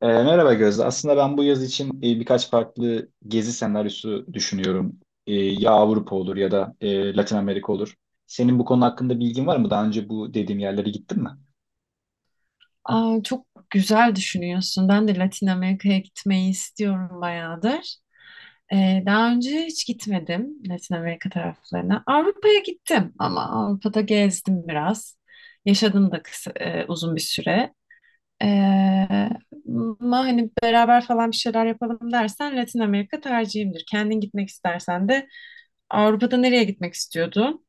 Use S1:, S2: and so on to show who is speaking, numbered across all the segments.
S1: Merhaba Gözde. Aslında ben bu yaz için birkaç farklı gezi senaryosu düşünüyorum. Ya Avrupa olur ya da Latin Amerika olur. Senin bu konu hakkında bilgin var mı? Daha önce bu dediğim yerlere gittin mi?
S2: Aa, çok güzel düşünüyorsun. Ben de Latin Amerika'ya gitmeyi istiyorum bayağıdır. Daha önce hiç gitmedim Latin Amerika taraflarına. Avrupa'ya gittim ama Avrupa'da gezdim biraz. Yaşadım da uzun bir süre. Ee, ama hani beraber falan bir şeyler yapalım dersen Latin Amerika tercihimdir. Kendin gitmek istersen de Avrupa'da nereye gitmek istiyordun?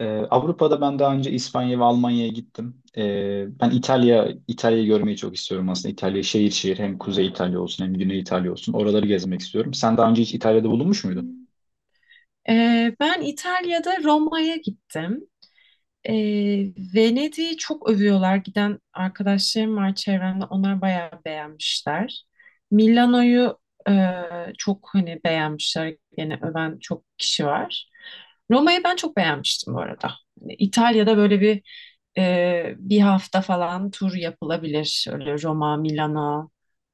S1: Ee, Avrupa'da ben daha önce İspanya ve Almanya'ya gittim. Ben İtalya'yı görmeyi çok istiyorum aslında. İtalya şehir şehir, hem Kuzey İtalya olsun hem Güney İtalya olsun. Oraları gezmek istiyorum. Sen daha önce hiç İtalya'da bulunmuş muydun?
S2: Hmm. Ben İtalya'da Roma'ya gittim. E, Venedik'i çok övüyorlar. Giden arkadaşlarım var çevremde. Onlar bayağı beğenmişler. Milano'yu e, çok hani beğenmişler. Gene öven çok kişi var. Roma'yı ben çok beğenmiştim bu arada. Hani İtalya'da böyle bir hafta falan tur yapılabilir. Öyle Roma, Milano,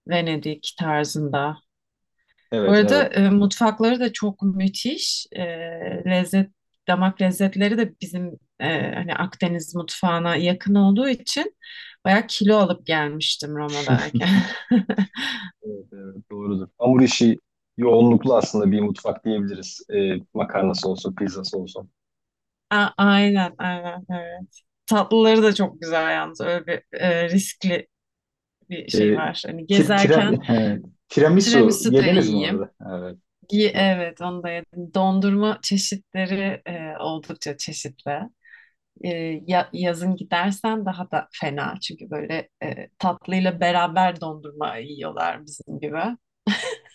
S2: Venedik tarzında. Bu
S1: Evet,
S2: arada
S1: evet.
S2: mutfakları da çok müthiş. Lezzet, damak lezzetleri de bizim hani Akdeniz mutfağına yakın olduğu için bayağı kilo alıp gelmiştim Roma'dayken.
S1: Evet, evet, doğrudur. Hamur işi yoğunluklu aslında bir mutfak diyebiliriz. Makarnası olsun, pizzası olsun.
S2: Aynen, aynen, evet. Tatlıları da çok güzel yalnız. Öyle bir riskli bir şey
S1: Ee,
S2: var. Hani
S1: Tir, tira-
S2: gezerken
S1: he, Tiramisu
S2: tiramisu da
S1: yediniz mi
S2: yiyeyim.
S1: orada? Evet, doğru.
S2: Evet, onu da yedim. Dondurma çeşitleri oldukça çeşitli. Yazın gidersen daha da fena çünkü böyle tatlıyla beraber dondurma yiyorlar bizim gibi.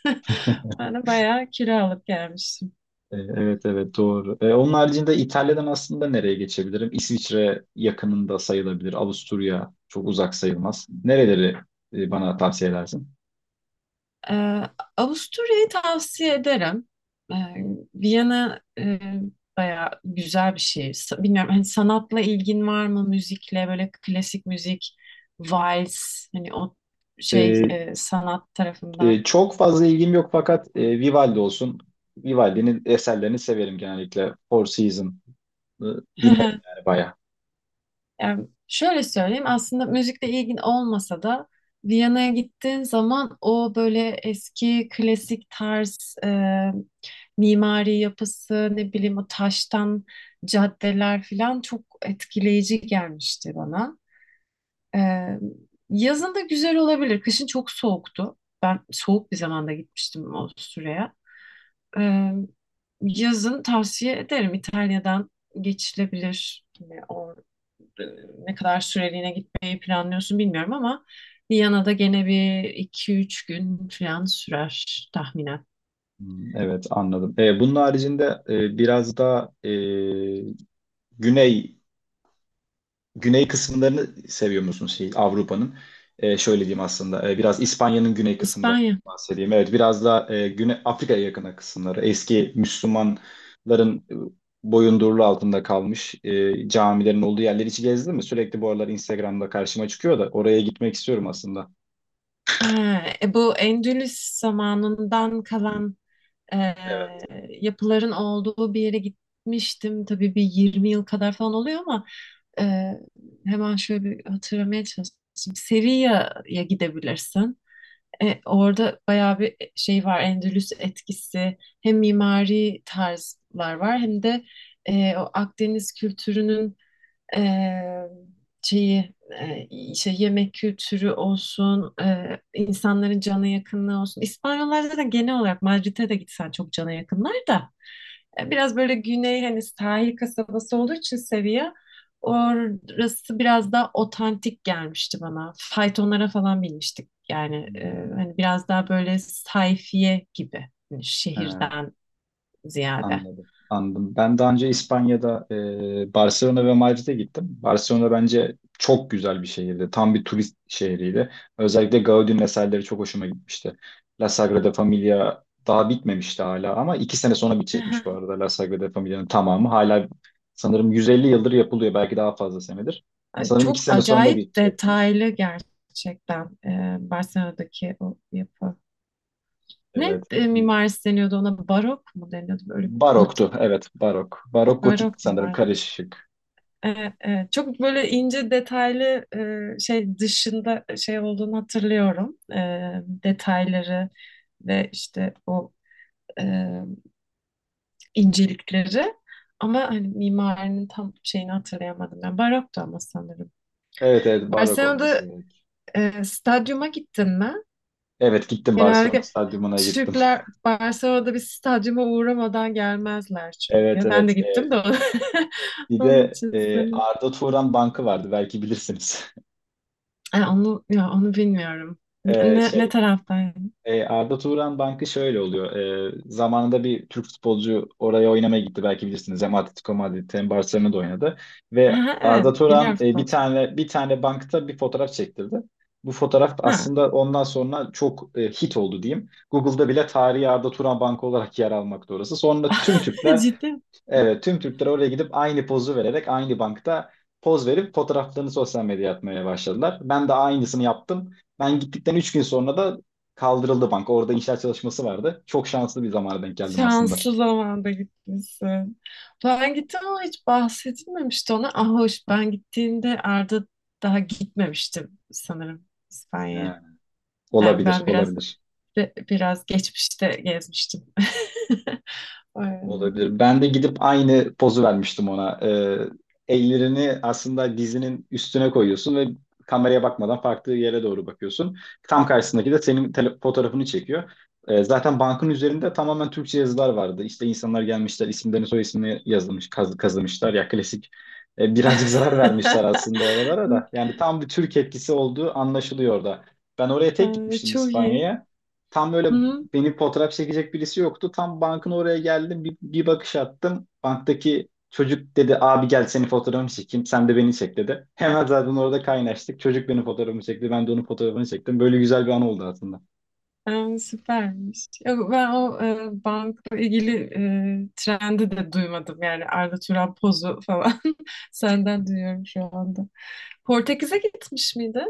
S2: Ben de bayağı kiralık gelmiştim.
S1: Evet, evet, doğru. Onun haricinde İtalya'dan aslında nereye geçebilirim? İsviçre yakınında sayılabilir. Avusturya çok uzak sayılmaz. Nereleri bana tavsiye edersin?
S2: E, Avusturya'yı tavsiye ederim. E, Viyana bayağı güzel bir şehir. Bilmiyorum hani sanatla ilgin var mı? Müzikle böyle klasik müzik, vals hani o şey
S1: E,
S2: sanat tarafından.
S1: Çok fazla ilgim yok fakat Vivaldi olsun. Vivaldi'nin eserlerini severim genellikle. Four Seasons e, dinlerim yani bayağı.
S2: Yani şöyle söyleyeyim aslında müzikle ilgin olmasa da Viyana'ya gittiğin zaman o böyle eski klasik tarz mimari yapısı ne bileyim o taştan caddeler falan çok etkileyici gelmişti bana. E, Yazın da güzel olabilir. Kışın çok soğuktu. Ben soğuk bir zamanda gitmiştim o süreye. E, Yazın tavsiye ederim, İtalya'dan geçilebilir yine oradan. e, Ne kadar süreliğine gitmeyi planlıyorsun bilmiyorum ama Viyana'da gene bir iki üç gün falan sürer tahminen.
S1: Hmm, evet, anladım. Bunun haricinde biraz da güney güney kısımlarını seviyor musun şey Avrupa'nın? Şöyle diyeyim, aslında biraz İspanya'nın güney kısımları
S2: İspanya.
S1: bahsedeyim. Evet, biraz da Güney Afrika'ya yakın kısımları. Eski Müslümanların boyundurulu altında kalmış camilerin olduğu yerleri hiç gezdin mi? Sürekli bu aralar Instagram'da karşıma çıkıyor da oraya gitmek istiyorum aslında.
S2: Ha, bu Endülüs
S1: Heh,
S2: zamanından kalan e,
S1: evet.
S2: yapıların olduğu bir yere gitmiştim. Tabii bir 20 yıl kadar falan oluyor ama e, hemen şöyle bir hatırlamaya çalışayım. Sevilla'ya gidebilirsin. Orada bayağı bir şey var, Endülüs etkisi. Hem mimari tarzlar var hem de o Akdeniz kültürünün eee, şeyi işte, yemek kültürü olsun, insanların cana yakınlığı olsun. İspanyollar da genel olarak, Madrid'e de gitsen, çok cana yakınlar da. Biraz böyle güney hani sahil kasabası olduğu için seviye, orası biraz daha otantik gelmişti bana. Faytonlara falan binmiştik. Yani
S1: Hmm.
S2: hani biraz daha böyle sayfiye gibi, hani
S1: Ha.
S2: şehirden ziyade.
S1: Anladım, anladım. Ben daha önce İspanya'da Barcelona ve Madrid'e gittim. Barcelona bence çok güzel bir şehirdi. Tam bir turist şehriydi. Özellikle Gaudi'nin eserleri çok hoşuma gitmişti. La Sagrada Familia daha bitmemişti hala, ama iki sene sonra bitecekmiş bu arada La Sagrada Familia'nın tamamı. Hala sanırım 150 yıldır yapılıyor. Belki daha fazla senedir.
S2: Yani
S1: Sanırım iki
S2: çok
S1: sene sonra
S2: acayip
S1: bitecekmiş.
S2: detaylı gerçekten Barcelona'daki o yapı. Ne
S1: Evet. E,
S2: mimarisi deniyordu ona? Barok mu deniyordu? Böyle bir gotik,
S1: Baroktu. Evet, barok. Barok gotik
S2: barok
S1: sanırım
S2: mimari.
S1: karışık.
S2: Evet, evet. Çok böyle ince detaylı şey dışında şey olduğunu hatırlıyorum. Detayları ve işte o e, incelikleri. Ama hani mimarinin tam şeyini hatırlayamadım. Yani baroktu ama sanırım.
S1: Evet, evet, barok olması.
S2: Barcelona'da stadyuma gittin mi?
S1: Evet, gittim, Barcelona
S2: Genellikle
S1: stadyumuna gittim.
S2: Türkler Barcelona'da bir stadyuma uğramadan gelmezler
S1: Evet,
S2: çünkü. Ben
S1: evet.
S2: de gittim de
S1: Bir
S2: onun
S1: de
S2: için söyledim.
S1: Arda Turan Bankı vardı, belki bilirsiniz.
S2: Onu, ya onu bilmiyorum.
S1: E,
S2: Ne
S1: şey
S2: taraftaydın?
S1: Arda Turan Bankı şöyle oluyor. Zamanında bir Türk futbolcu oraya oynamaya gitti, belki bilirsiniz. Hem Atletico Madrid hem Barcelona'da oynadı ve
S2: Ha,
S1: Arda
S2: evet, biliyorum
S1: Turan bir
S2: futbolcu.
S1: tane bir tane bankta bir fotoğraf çektirdi. Bu fotoğraf
S2: Ha.
S1: aslında ondan sonra çok hit oldu diyeyim. Google'da bile tarihi Arda Turan Bankı olarak yer almakta orası. Sonra tüm Türkler.
S2: Ciddi mi?
S1: Evet, tüm Türkler oraya gidip aynı pozu vererek aynı bankta poz verip fotoğraflarını sosyal medyaya atmaya başladılar. Ben de aynısını yaptım. Ben gittikten 3 gün sonra da kaldırıldı bank. Orada inşaat çalışması vardı. Çok şanslı bir zamana denk geldim aslında.
S2: Şanslı zamanda gitmişsin. Ben gittim ama hiç bahsedilmemişti ona. Ah hoş, ben gittiğimde Arda daha gitmemiştim sanırım
S1: He,
S2: İspanya'ya. Yani
S1: olabilir,
S2: ben biraz
S1: olabilir.
S2: biraz geçmişte gezmiştim. Öğrendim.
S1: Olabilir. Ben de gidip aynı pozu vermiştim ona. Ellerini aslında dizinin üstüne koyuyorsun ve kameraya bakmadan farklı yere doğru bakıyorsun. Tam karşısındaki de senin fotoğrafını çekiyor. Zaten bankın üzerinde tamamen Türkçe yazılar vardı. İşte insanlar gelmişler, isimlerini soy ismini yazılmış, kazımışlar. Ya klasik birazcık zarar vermişler aslında oralara da. Yani tam bir Türk etkisi olduğu anlaşılıyor orada. Ben oraya tek gitmiştim,
S2: Çok iyi.
S1: İspanya'ya. Tam böyle
S2: Hı hı.
S1: beni fotoğraf çekecek birisi yoktu. Tam bankın oraya geldim. Bir bakış attım. Banktaki çocuk dedi, abi gel seni fotoğrafını çekeyim. Sen de beni çek, dedi. Hemen zaten orada kaynaştık. Çocuk benim fotoğrafımı çekti. Ben de onun fotoğrafını çektim. Böyle güzel bir an oldu aslında.
S2: Süpermiş. Yok, ben o bankla ilgili trendi de duymadım. Yani Arda Turan pozu falan senden duyuyorum şu anda. Portekiz'e gitmiş miydi?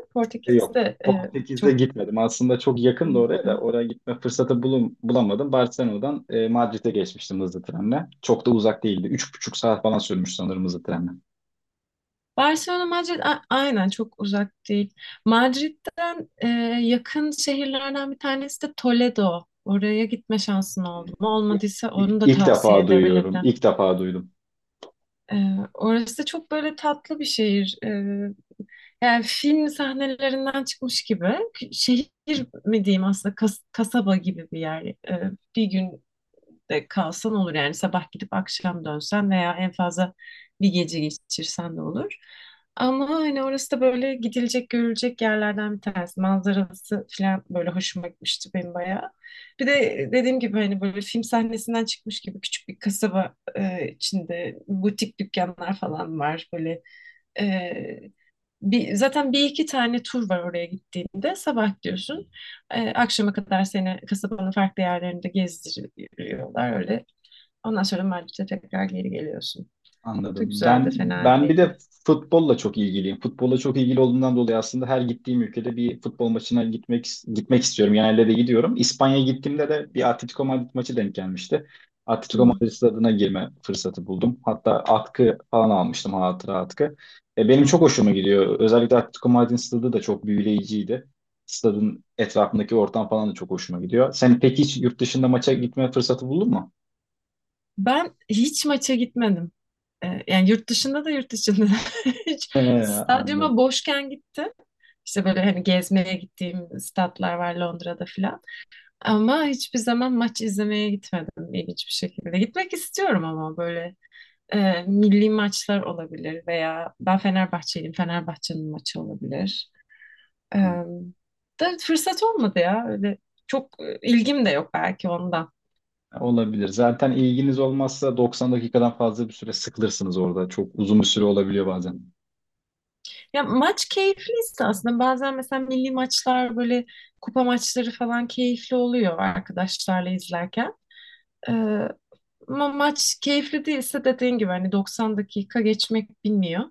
S2: Portekiz
S1: Yok,
S2: de
S1: Portekiz'de
S2: çok
S1: gitmedim. Aslında çok yakın da oraya da
S2: keyifli.
S1: oraya gitme fırsatı bulamadım. Barcelona'dan Madrid'e geçmiştim hızlı trenle. Çok da uzak değildi. Üç buçuk saat falan sürmüş sanırım hızlı trenle.
S2: Barcelona, Madrid aynen çok uzak değil. Madrid'den yakın şehirlerden bir tanesi de Toledo. Oraya gitme şansın oldu mu? Olmadıysa,
S1: İlk,
S2: onu da
S1: ilk
S2: tavsiye
S1: defa duyuyorum.
S2: edebilirim.
S1: İlk defa duydum.
S2: E, Orası da çok böyle tatlı bir şehir. Yani film sahnelerinden çıkmış gibi. Şehir mi diyeyim aslında, kasaba gibi bir yer. Bir gün de kalsan olur, yani sabah gidip akşam dönsen veya en fazla bir gece geçirsen de olur. Ama hani orası da böyle gidilecek görülecek yerlerden bir tanesi. Manzarası falan böyle hoşuma gitmişti benim bayağı. Bir de dediğim gibi hani böyle film sahnesinden çıkmış gibi küçük bir kasaba, içinde butik dükkanlar falan var. Böyle e, zaten bir iki tane tur var oraya gittiğinde. Sabah gidiyorsun. Akşama kadar seni kasabanın farklı yerlerinde gezdiriyorlar öyle. Ondan sonra Madrid'e tekrar geri geliyorsun. Çok
S1: Anladım.
S2: güzeldi,
S1: Ben
S2: fena
S1: ben bir
S2: değildi.
S1: de futbolla çok ilgiliyim. Futbolla çok ilgili olduğumdan dolayı aslında her gittiğim ülkede bir futbol maçına gitmek istiyorum. Genelde de gidiyorum. İspanya'ya gittiğimde de bir Atletico Madrid maçı denk gelmişti.
S2: Hı.
S1: Atletico Madrid stadına girme fırsatı buldum. Hatta atkı falan almıştım, hatıra atkı. Benim çok hoşuma gidiyor. Özellikle Atletico Madrid stadı da çok büyüleyiciydi. Stadın etrafındaki ortam falan da çok hoşuma gidiyor. Sen peki hiç yurt dışında maça gitme fırsatı buldun mu?
S2: Ben hiç maça gitmedim. Yani yurt dışında da yurt içinde de. Hiç stadyuma
S1: Anladım,
S2: boşken gittim. İşte böyle hani gezmeye gittiğim statlar var Londra'da filan. Ama hiçbir zaman maç izlemeye gitmedim, ilginç bir şekilde. Gitmek istiyorum ama böyle milli maçlar olabilir veya ben Fenerbahçeliyim, Fenerbahçe'nin maçı olabilir. E,
S1: anladım.
S2: da fırsat olmadı ya. Öyle çok ilgim de yok, belki ondan.
S1: Olabilir. Zaten ilginiz olmazsa 90 dakikadan fazla bir süre sıkılırsınız orada. Çok uzun bir süre olabiliyor bazen.
S2: Ya maç keyifliyse aslında, bazen mesela milli maçlar böyle, kupa maçları falan keyifli oluyor arkadaşlarla izlerken. E, Ama maç keyifli değilse dediğin gibi hani 90 dakika geçmek bilmiyor.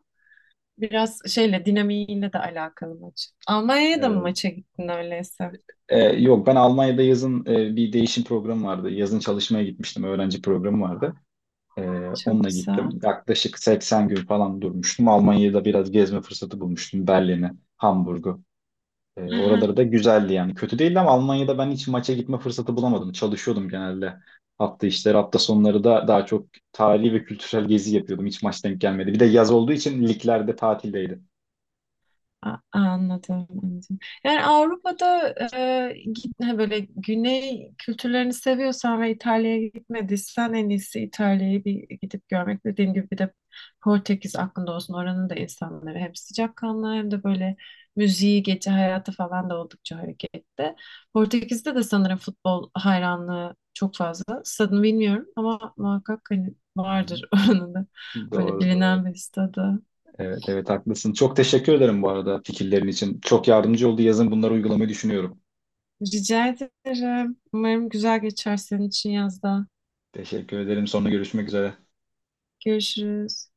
S2: Biraz şeyle, dinamiğiyle de alakalı maç. Almanya'ya da mı
S1: Evet.
S2: maça gittin öyleyse?
S1: Yok, ben Almanya'da yazın bir değişim programı vardı. Yazın çalışmaya gitmiştim. Öğrenci programı vardı. Ee,
S2: Çok
S1: Onunla
S2: güzel.
S1: gittim. Yaklaşık 80 gün falan durmuştum. Almanya'da biraz gezme fırsatı bulmuştum. Berlin'i, Hamburg'u.
S2: Aha,
S1: Oraları da güzeldi yani. Kötü değildi ama Almanya'da ben hiç maça gitme fırsatı bulamadım. Çalışıyordum genelde. Hafta işleri, hafta sonları da daha çok tarihi ve kültürel gezi yapıyordum. Hiç maç denk gelmedi. Bir de yaz olduğu için liglerde tatildeydi.
S2: Anladım, anladım. Yani Avrupa'da gitme, böyle güney kültürlerini seviyorsan ve İtalya'ya gitmediysen en iyisi İtalya'yı bir gidip görmek. Dediğim gibi bir de Portekiz aklında olsun. Oranın da insanları hem sıcakkanlı hem de böyle müziği, gece hayatı falan da oldukça hareketli. Portekiz'de de sanırım futbol hayranlığı çok fazla. Stadını bilmiyorum ama muhakkak hani
S1: Hı hı.
S2: vardır oranın da böyle
S1: Doğru, doğru.
S2: bilinen bir stadı.
S1: Evet, evet, haklısın. Çok teşekkür ederim bu arada fikirlerin için. Çok yardımcı oldu. Yazın bunları uygulamayı düşünüyorum.
S2: Rica ederim. Umarım güzel geçer senin için yazda.
S1: Teşekkür ederim. Sonra görüşmek üzere.
S2: Görüşürüz.